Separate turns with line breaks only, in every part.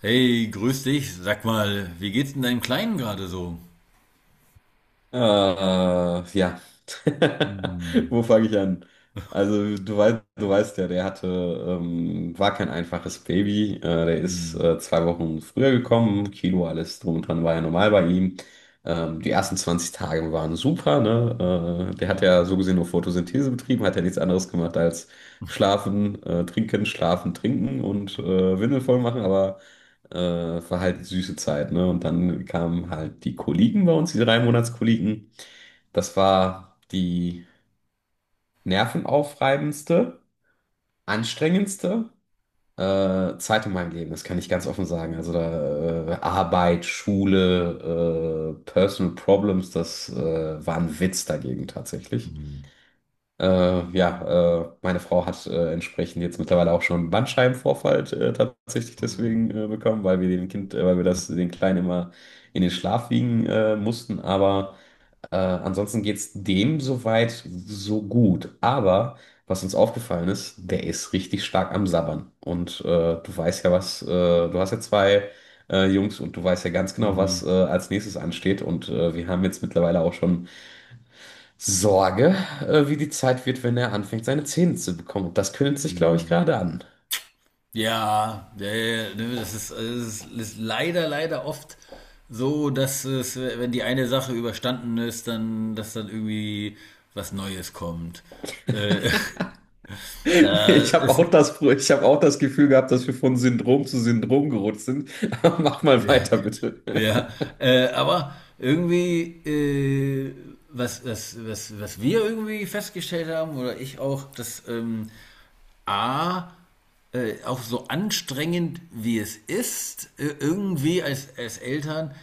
Hey, grüß dich. Sag mal, wie geht's denn deinem Kleinen gerade so?
Äh, ja.
Hm.
Wo fange ich an? Also, du weißt ja, der hatte, war kein einfaches Baby. Der ist
Hm.
2 Wochen früher gekommen. Kilo, alles drum und dran war ja normal bei ihm. Die ersten 20 Tage waren super, ne? Der
Ja.
hat ja so gesehen nur Photosynthese betrieben, hat ja nichts anderes gemacht als schlafen, trinken, schlafen, trinken und Windel voll machen, aber äh, war halt eine süße Zeit, ne? Und dann kamen halt die Kollegen bei uns, die drei Monatskollegen. Das war die nervenaufreibendste, anstrengendste Zeit in meinem Leben, das kann ich ganz offen sagen. Also da Arbeit, Schule, Personal Problems, das war ein Witz dagegen tatsächlich.
Hm.
Ja, meine Frau hat entsprechend jetzt mittlerweile auch schon einen Bandscheibenvorfall tatsächlich
Ah.
deswegen bekommen, weil wir das den Kleinen immer in den Schlaf wiegen mussten. Aber ansonsten geht's dem soweit so gut. Aber was uns aufgefallen ist, der ist richtig stark am Sabbern. Und du weißt ja was, du hast ja zwei Jungs und du weißt ja ganz genau,
Mhm.
was als nächstes ansteht. Und wir haben jetzt mittlerweile auch schon Sorge, wie die Zeit wird, wenn er anfängt, seine Zähne zu bekommen. Und das kündigt sich, glaube ich,
Hm.
gerade an.
Ja, ja, ja, ne, das ist, es ist leider, leider oft so, dass es, wenn die eine Sache überstanden ist, dann, dass dann irgendwie was Neues kommt. Äh, da
Ich habe
ist,
auch das, ich habe auch das Gefühl gehabt, dass wir von Syndrom zu Syndrom gerutscht sind. Aber mach mal weiter, bitte.
ja, aber irgendwie, was wir irgendwie festgestellt haben, oder ich auch, dass A, auch so anstrengend wie es ist, irgendwie als Eltern,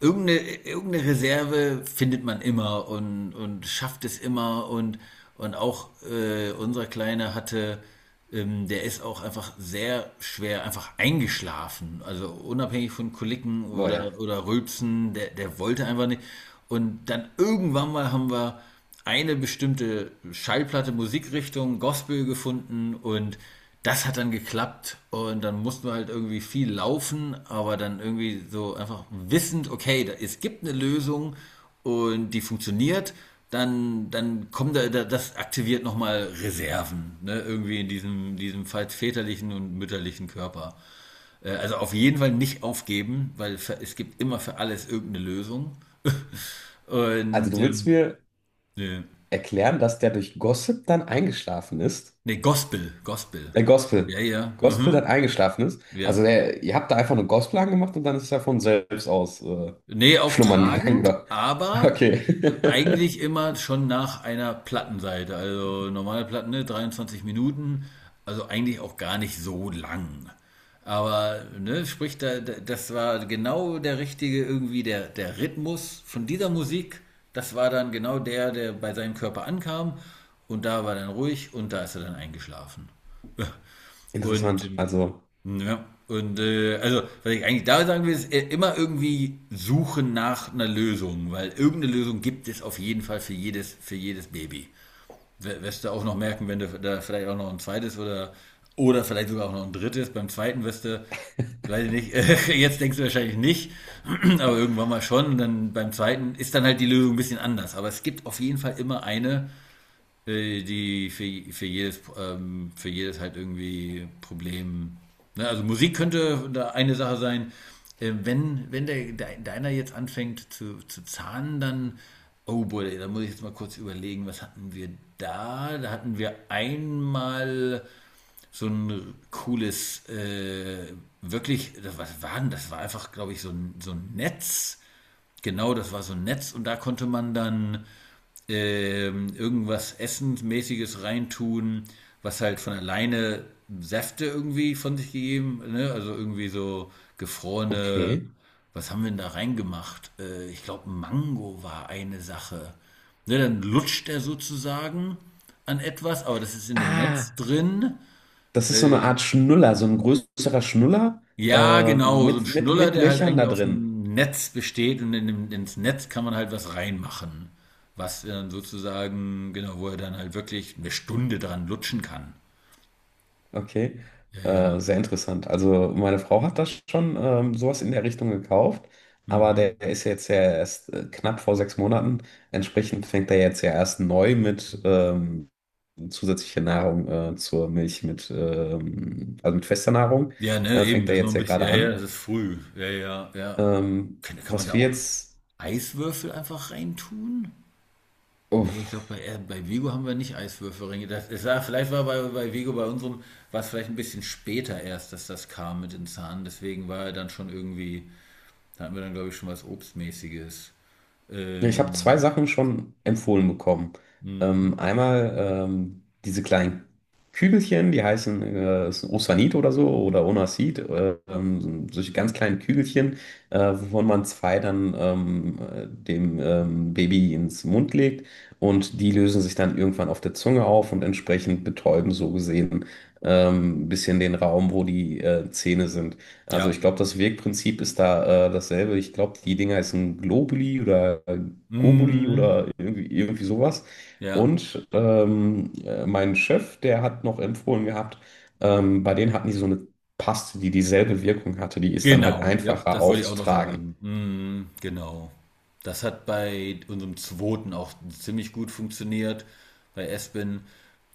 irgendeine, irgendeine Reserve findet man immer und schafft es immer und auch unser Kleiner hatte, der ist auch einfach sehr schwer einfach eingeschlafen, also unabhängig von Koliken
Boah, ja.
oder Rülpsen, der wollte einfach nicht. Und dann irgendwann mal haben wir eine bestimmte Schallplatte, Musikrichtung, Gospel gefunden und das hat dann geklappt und dann mussten wir halt irgendwie viel laufen, aber dann irgendwie so einfach wissend, okay, es gibt eine Lösung und die funktioniert, dann kommt da, das aktiviert nochmal Reserven, ne? Irgendwie in diesem falls väterlichen und mütterlichen Körper. Also auf jeden Fall nicht aufgeben, weil es gibt immer für alles irgendeine Lösung.
Also
Und
du willst mir
ne.
erklären, dass der durch Gossip dann eingeschlafen ist?
Nee, Gospel, Gospel.
Äh,
Ja,
Gospel.
ja.
Gospel
Mhm.
dann eingeschlafen ist. Also
Ja.
der, ihr habt da einfach eine Gospel angemacht und dann ist er von selbst aus
Nee, auch
schlummern gegangen,
tragend,
oder?
aber
Okay.
eigentlich immer schon nach einer Plattenseite. Also normale Platten, ne, 23 Minuten, also eigentlich auch gar nicht so lang. Aber, ne, sprich, das war genau der richtige, irgendwie der Rhythmus von dieser Musik. Das war dann genau der, der bei seinem Körper ankam. Und da war dann ruhig und da ist er dann eingeschlafen. Und
Interessant. Also,
ja, und also, was ich eigentlich da sagen will, ist immer irgendwie suchen nach einer Lösung, weil irgendeine Lösung gibt es auf jeden Fall für jedes Baby. Wirst du auch noch merken, wenn du da vielleicht auch noch ein zweites oder vielleicht sogar auch noch ein drittes. Beim zweiten wirst du, weiß ich nicht, jetzt denkst du wahrscheinlich nicht, aber irgendwann mal schon. Und dann beim zweiten ist dann halt die Lösung ein bisschen anders. Aber es gibt auf jeden Fall immer eine, die für, jedes, für jedes halt irgendwie Problem. Ne? Also Musik könnte da eine Sache sein. Wenn deiner jetzt anfängt zu zahnen, dann. Oh boy, da muss ich jetzt mal kurz überlegen, was hatten wir da? Da hatten wir einmal so ein cooles, wirklich, was war denn das? War einfach, glaube ich, so ein Netz. Genau, das war so ein Netz und da konnte man dann irgendwas Essensmäßiges reintun, was halt von alleine Säfte irgendwie von sich gegeben, ne? Also irgendwie so gefrorene,
okay.
was haben wir denn da reingemacht? Ich glaube, Mango war eine Sache. Ne, dann lutscht er sozusagen an etwas, aber das ist in dem Netz
Ah,
drin.
das ist so eine
Äh,
Art Schnuller, so ein größerer Schnuller
ja, genau, so ein
mit, mit,
Schnuller,
mit
der halt
Löchern
eigentlich
da
aus
drin.
dem Netz besteht und in dem, ins Netz kann man halt was reinmachen, was dann sozusagen, genau, wo er dann halt wirklich eine Stunde dran lutschen kann.
Okay,
Ja, ja.
sehr interessant. Also meine Frau hat das schon sowas in der Richtung gekauft, aber
Mhm.
der ist jetzt ja erst knapp vor 6 Monaten. Entsprechend fängt er jetzt ja erst neu mit zusätzlicher Nahrung zur Milch mit, also mit fester Nahrung,
Ja, ne, eben,
fängt
das
er
ist noch
jetzt
ein
ja
bisschen,
gerade
ja, ja,
an.
das ist früh. Ja, ja, ja.
Ähm,
Kann man
was
da
wir
auch
jetzt...
Eiswürfel einfach reintun? Nee, ich
Uff.
glaube, bei Vigo haben wir nicht Eiswürfelringe. Das, es war, vielleicht war bei Vigo, bei unserem, war es vielleicht ein bisschen später erst, dass das kam mit den Zahnen. Deswegen war er dann schon irgendwie. Da hatten wir dann, glaube ich, schon was Obstmäßiges.
Ja, ich habe zwei
Ähm,
Sachen schon empfohlen bekommen.
mm,
Einmal diese kleinen Kügelchen, die heißen ist ein Osanit oder so oder Onasit, so solche ganz kleinen Kügelchen, wovon man zwei dann dem Baby ins Mund legt und die lösen sich dann irgendwann auf der Zunge auf und entsprechend betäuben so gesehen ein bisschen den Raum, wo die Zähne sind. Also ich
ja.
glaube, das Wirkprinzip ist da dasselbe. Ich glaube, die Dinger heißen Globuli oder Gobuli
Mm,
oder irgendwie sowas.
ja.
Und mein Chef, der hat noch empfohlen gehabt, bei denen hatten die so eine Paste, die dieselbe Wirkung hatte. Die ist dann halt
Genau. Ja,
einfacher
das wollte ich auch noch
aufzutragen.
sagen. Mm, genau. Das hat bei unserem zweiten auch ziemlich gut funktioniert. Bei Espen.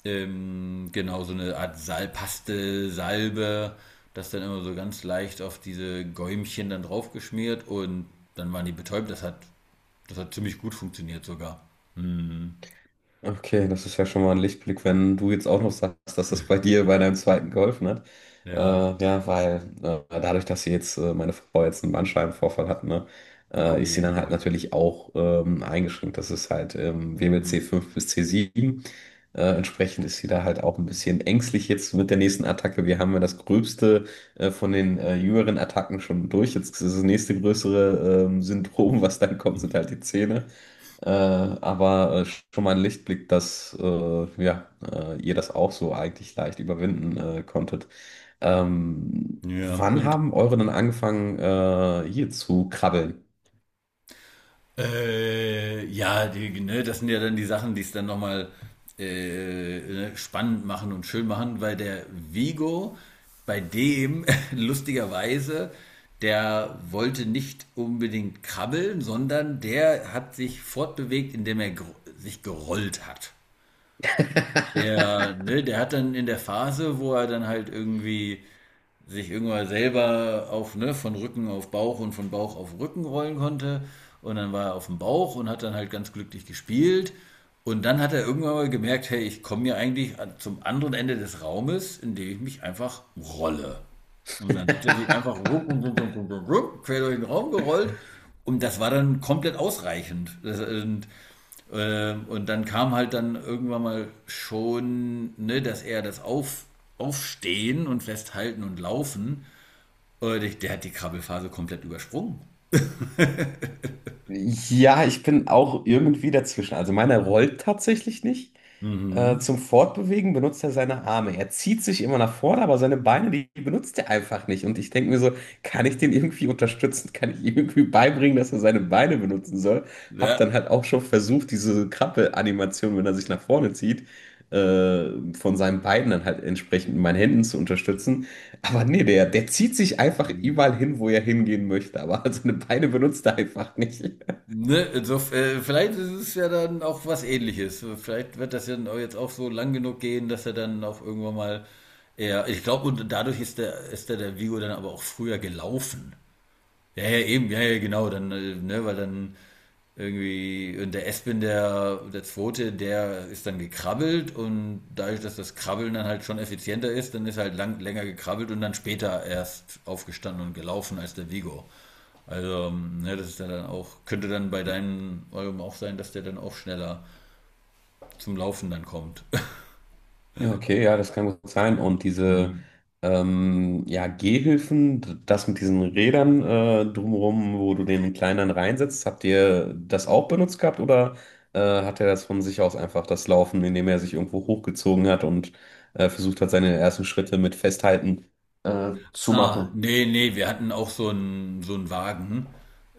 Genau, so eine Art Salpaste, Salbe, das dann immer so ganz leicht auf diese Gäumchen dann draufgeschmiert und dann waren die betäubt. Das hat ziemlich gut funktioniert sogar. Mm,
Okay, das ist ja schon mal ein Lichtblick, wenn du jetzt auch noch sagst, dass das bei dir bei deinem zweiten geholfen hat. Äh,
ja.
ja, weil dadurch, dass sie jetzt, meine Frau jetzt einen Bandscheibenvorfall hat, ne, ist sie
Oh
dann halt
boy.
natürlich auch eingeschränkt. Das ist halt
Mhm.
WBC 5 bis c sieben. Entsprechend ist sie da halt auch ein bisschen ängstlich jetzt mit der nächsten Attacke. Wir haben ja das Gröbste von den jüngeren Attacken schon durch. Jetzt ist das nächste größere Syndrom, was dann kommt, sind halt die Zähne. Aber schon mal ein Lichtblick, dass ja, ihr das auch so eigentlich leicht überwinden konntet. Ähm,
Ja,
wann
und
haben eure denn angefangen, hier zu krabbeln?
Ja, die, ne, das sind ja dann die Sachen, die es dann nochmal ne, spannend machen und schön machen, weil der Vigo, bei dem lustigerweise, der wollte nicht unbedingt krabbeln, sondern der hat sich fortbewegt, indem er sich gerollt hat. Der, ne, der hat dann in der Phase, wo er dann halt irgendwie sich irgendwann selber auf, ne, von Rücken auf Bauch und von Bauch auf Rücken rollen konnte. Und dann war er auf dem Bauch und hat dann halt ganz glücklich gespielt. Und dann hat er irgendwann mal gemerkt, hey, ich komme ja eigentlich zum anderen Ende des Raumes, indem ich mich einfach rolle. Und dann hat er sich einfach rup, rup, rup, rup, rup, quer durch den Raum gerollt und das war dann komplett ausreichend. Das, und dann kam halt dann irgendwann mal schon, ne, dass er das auf, Aufstehen und Festhalten und Laufen, der hat die Krabbelphase komplett übersprungen.
Ja, ich bin auch irgendwie dazwischen. Also meiner rollt tatsächlich nicht. Äh,
Mhm.
zum Fortbewegen benutzt er seine Arme. Er zieht sich immer nach vorne, aber seine Beine, die benutzt er einfach nicht. Und ich denke mir so, kann ich den irgendwie unterstützen? Kann ich ihm irgendwie beibringen, dass er seine Beine benutzen soll? Hab dann
Ja,
halt auch schon versucht, diese Krabbel-Animation, wenn er sich nach vorne zieht, äh, von seinen Beinen dann halt entsprechend mit meinen Händen zu unterstützen. Aber nee, der zieht sich einfach überall hin, wo er hingehen möchte. Aber seine Beine benutzt er einfach nicht.
ne, vielleicht ist es ja dann auch was Ähnliches. Vielleicht wird das ja dann auch jetzt auch so lang genug gehen, dass er dann auch irgendwann mal eher. Ich glaube, und dadurch ist der Vigo dann aber auch früher gelaufen. Ja, ja, eben, ja, ja, genau, dann, ne, weil dann irgendwie, und der Espen, der Zweite, der ist dann gekrabbelt und dadurch, dass das Krabbeln dann halt schon effizienter ist, dann ist er halt länger gekrabbelt und dann später erst aufgestanden und gelaufen als der Vigo. Also, ne, das ist ja dann auch, könnte dann bei deinem eurem auch sein, dass der dann auch schneller zum Laufen dann kommt.
Ja, okay, ja, das kann gut sein. Und diese
Mhm.
ja, Gehhilfen, das mit diesen Rädern drumherum, wo du den Kleineren reinsetzt, habt ihr das auch benutzt gehabt oder hat er das von sich aus einfach das Laufen, indem er sich irgendwo hochgezogen hat und versucht hat, seine ersten Schritte mit Festhalten zu
Ah,
machen?
nee, nee, wir hatten auch so einen Wagen.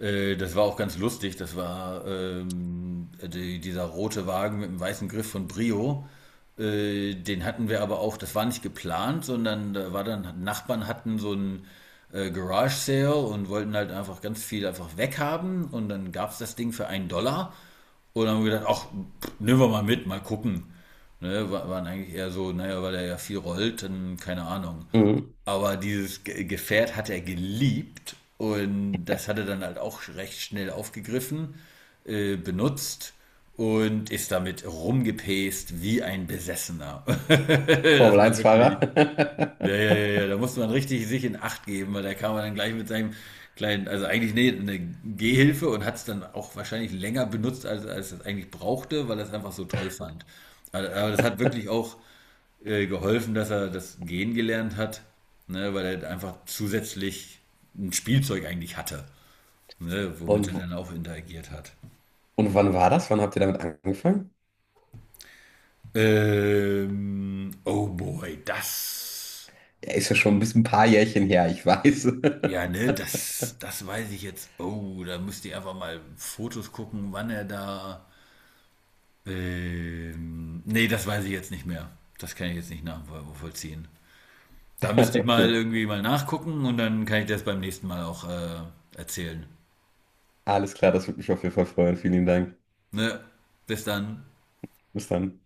Das war auch ganz lustig. Das war dieser rote Wagen mit dem weißen Griff von Brio. Den hatten wir aber auch, das war nicht geplant, sondern da war dann, Nachbarn hatten so einen Garage Sale und wollten halt einfach ganz viel einfach weghaben und dann gab es das Ding für 1 Dollar. Und dann haben wir gedacht, ach, nehmen wir mal mit, mal gucken. Ne, waren eigentlich eher so, naja, weil er ja viel rollt, dann keine Ahnung.
Mhm.
Aber dieses Gefährt hat er geliebt und das hat er dann halt auch recht schnell aufgegriffen, benutzt und ist damit rumgepäst wie ein Besessener. Das war wirklich.
Formel-1-Fahrer.
Ja, ja, ja, ja, da musste man richtig sich in Acht geben, weil da kam er dann gleich mit seinem kleinen, also eigentlich nee, eine Gehhilfe und hat es dann auch wahrscheinlich länger benutzt, als, als es eigentlich brauchte, weil er es einfach so toll fand. Aber das hat wirklich auch geholfen, dass er das Gehen gelernt hat, ne, weil er einfach zusätzlich ein Spielzeug eigentlich hatte, ne,
Und,
womit er
w-
dann auch interagiert hat.
und wann war das? Wann habt ihr damit angefangen?
Oh boy, das.
Ja, ist ja schon ein bisschen ein paar Jährchen her, ich weiß.
Ja, ne, das weiß ich jetzt. Oh, da müsst ihr einfach mal Fotos gucken, wann er da. Nee, das weiß ich jetzt nicht mehr. Das kann ich jetzt nicht nachvollziehen. Da müsste ich mal
Okay.
irgendwie mal nachgucken und dann kann ich das beim nächsten Mal auch erzählen.
Alles klar, das würde mich auf jeden Fall freuen. Vielen lieben Dank.
Ne? Bis dann.
Bis dann.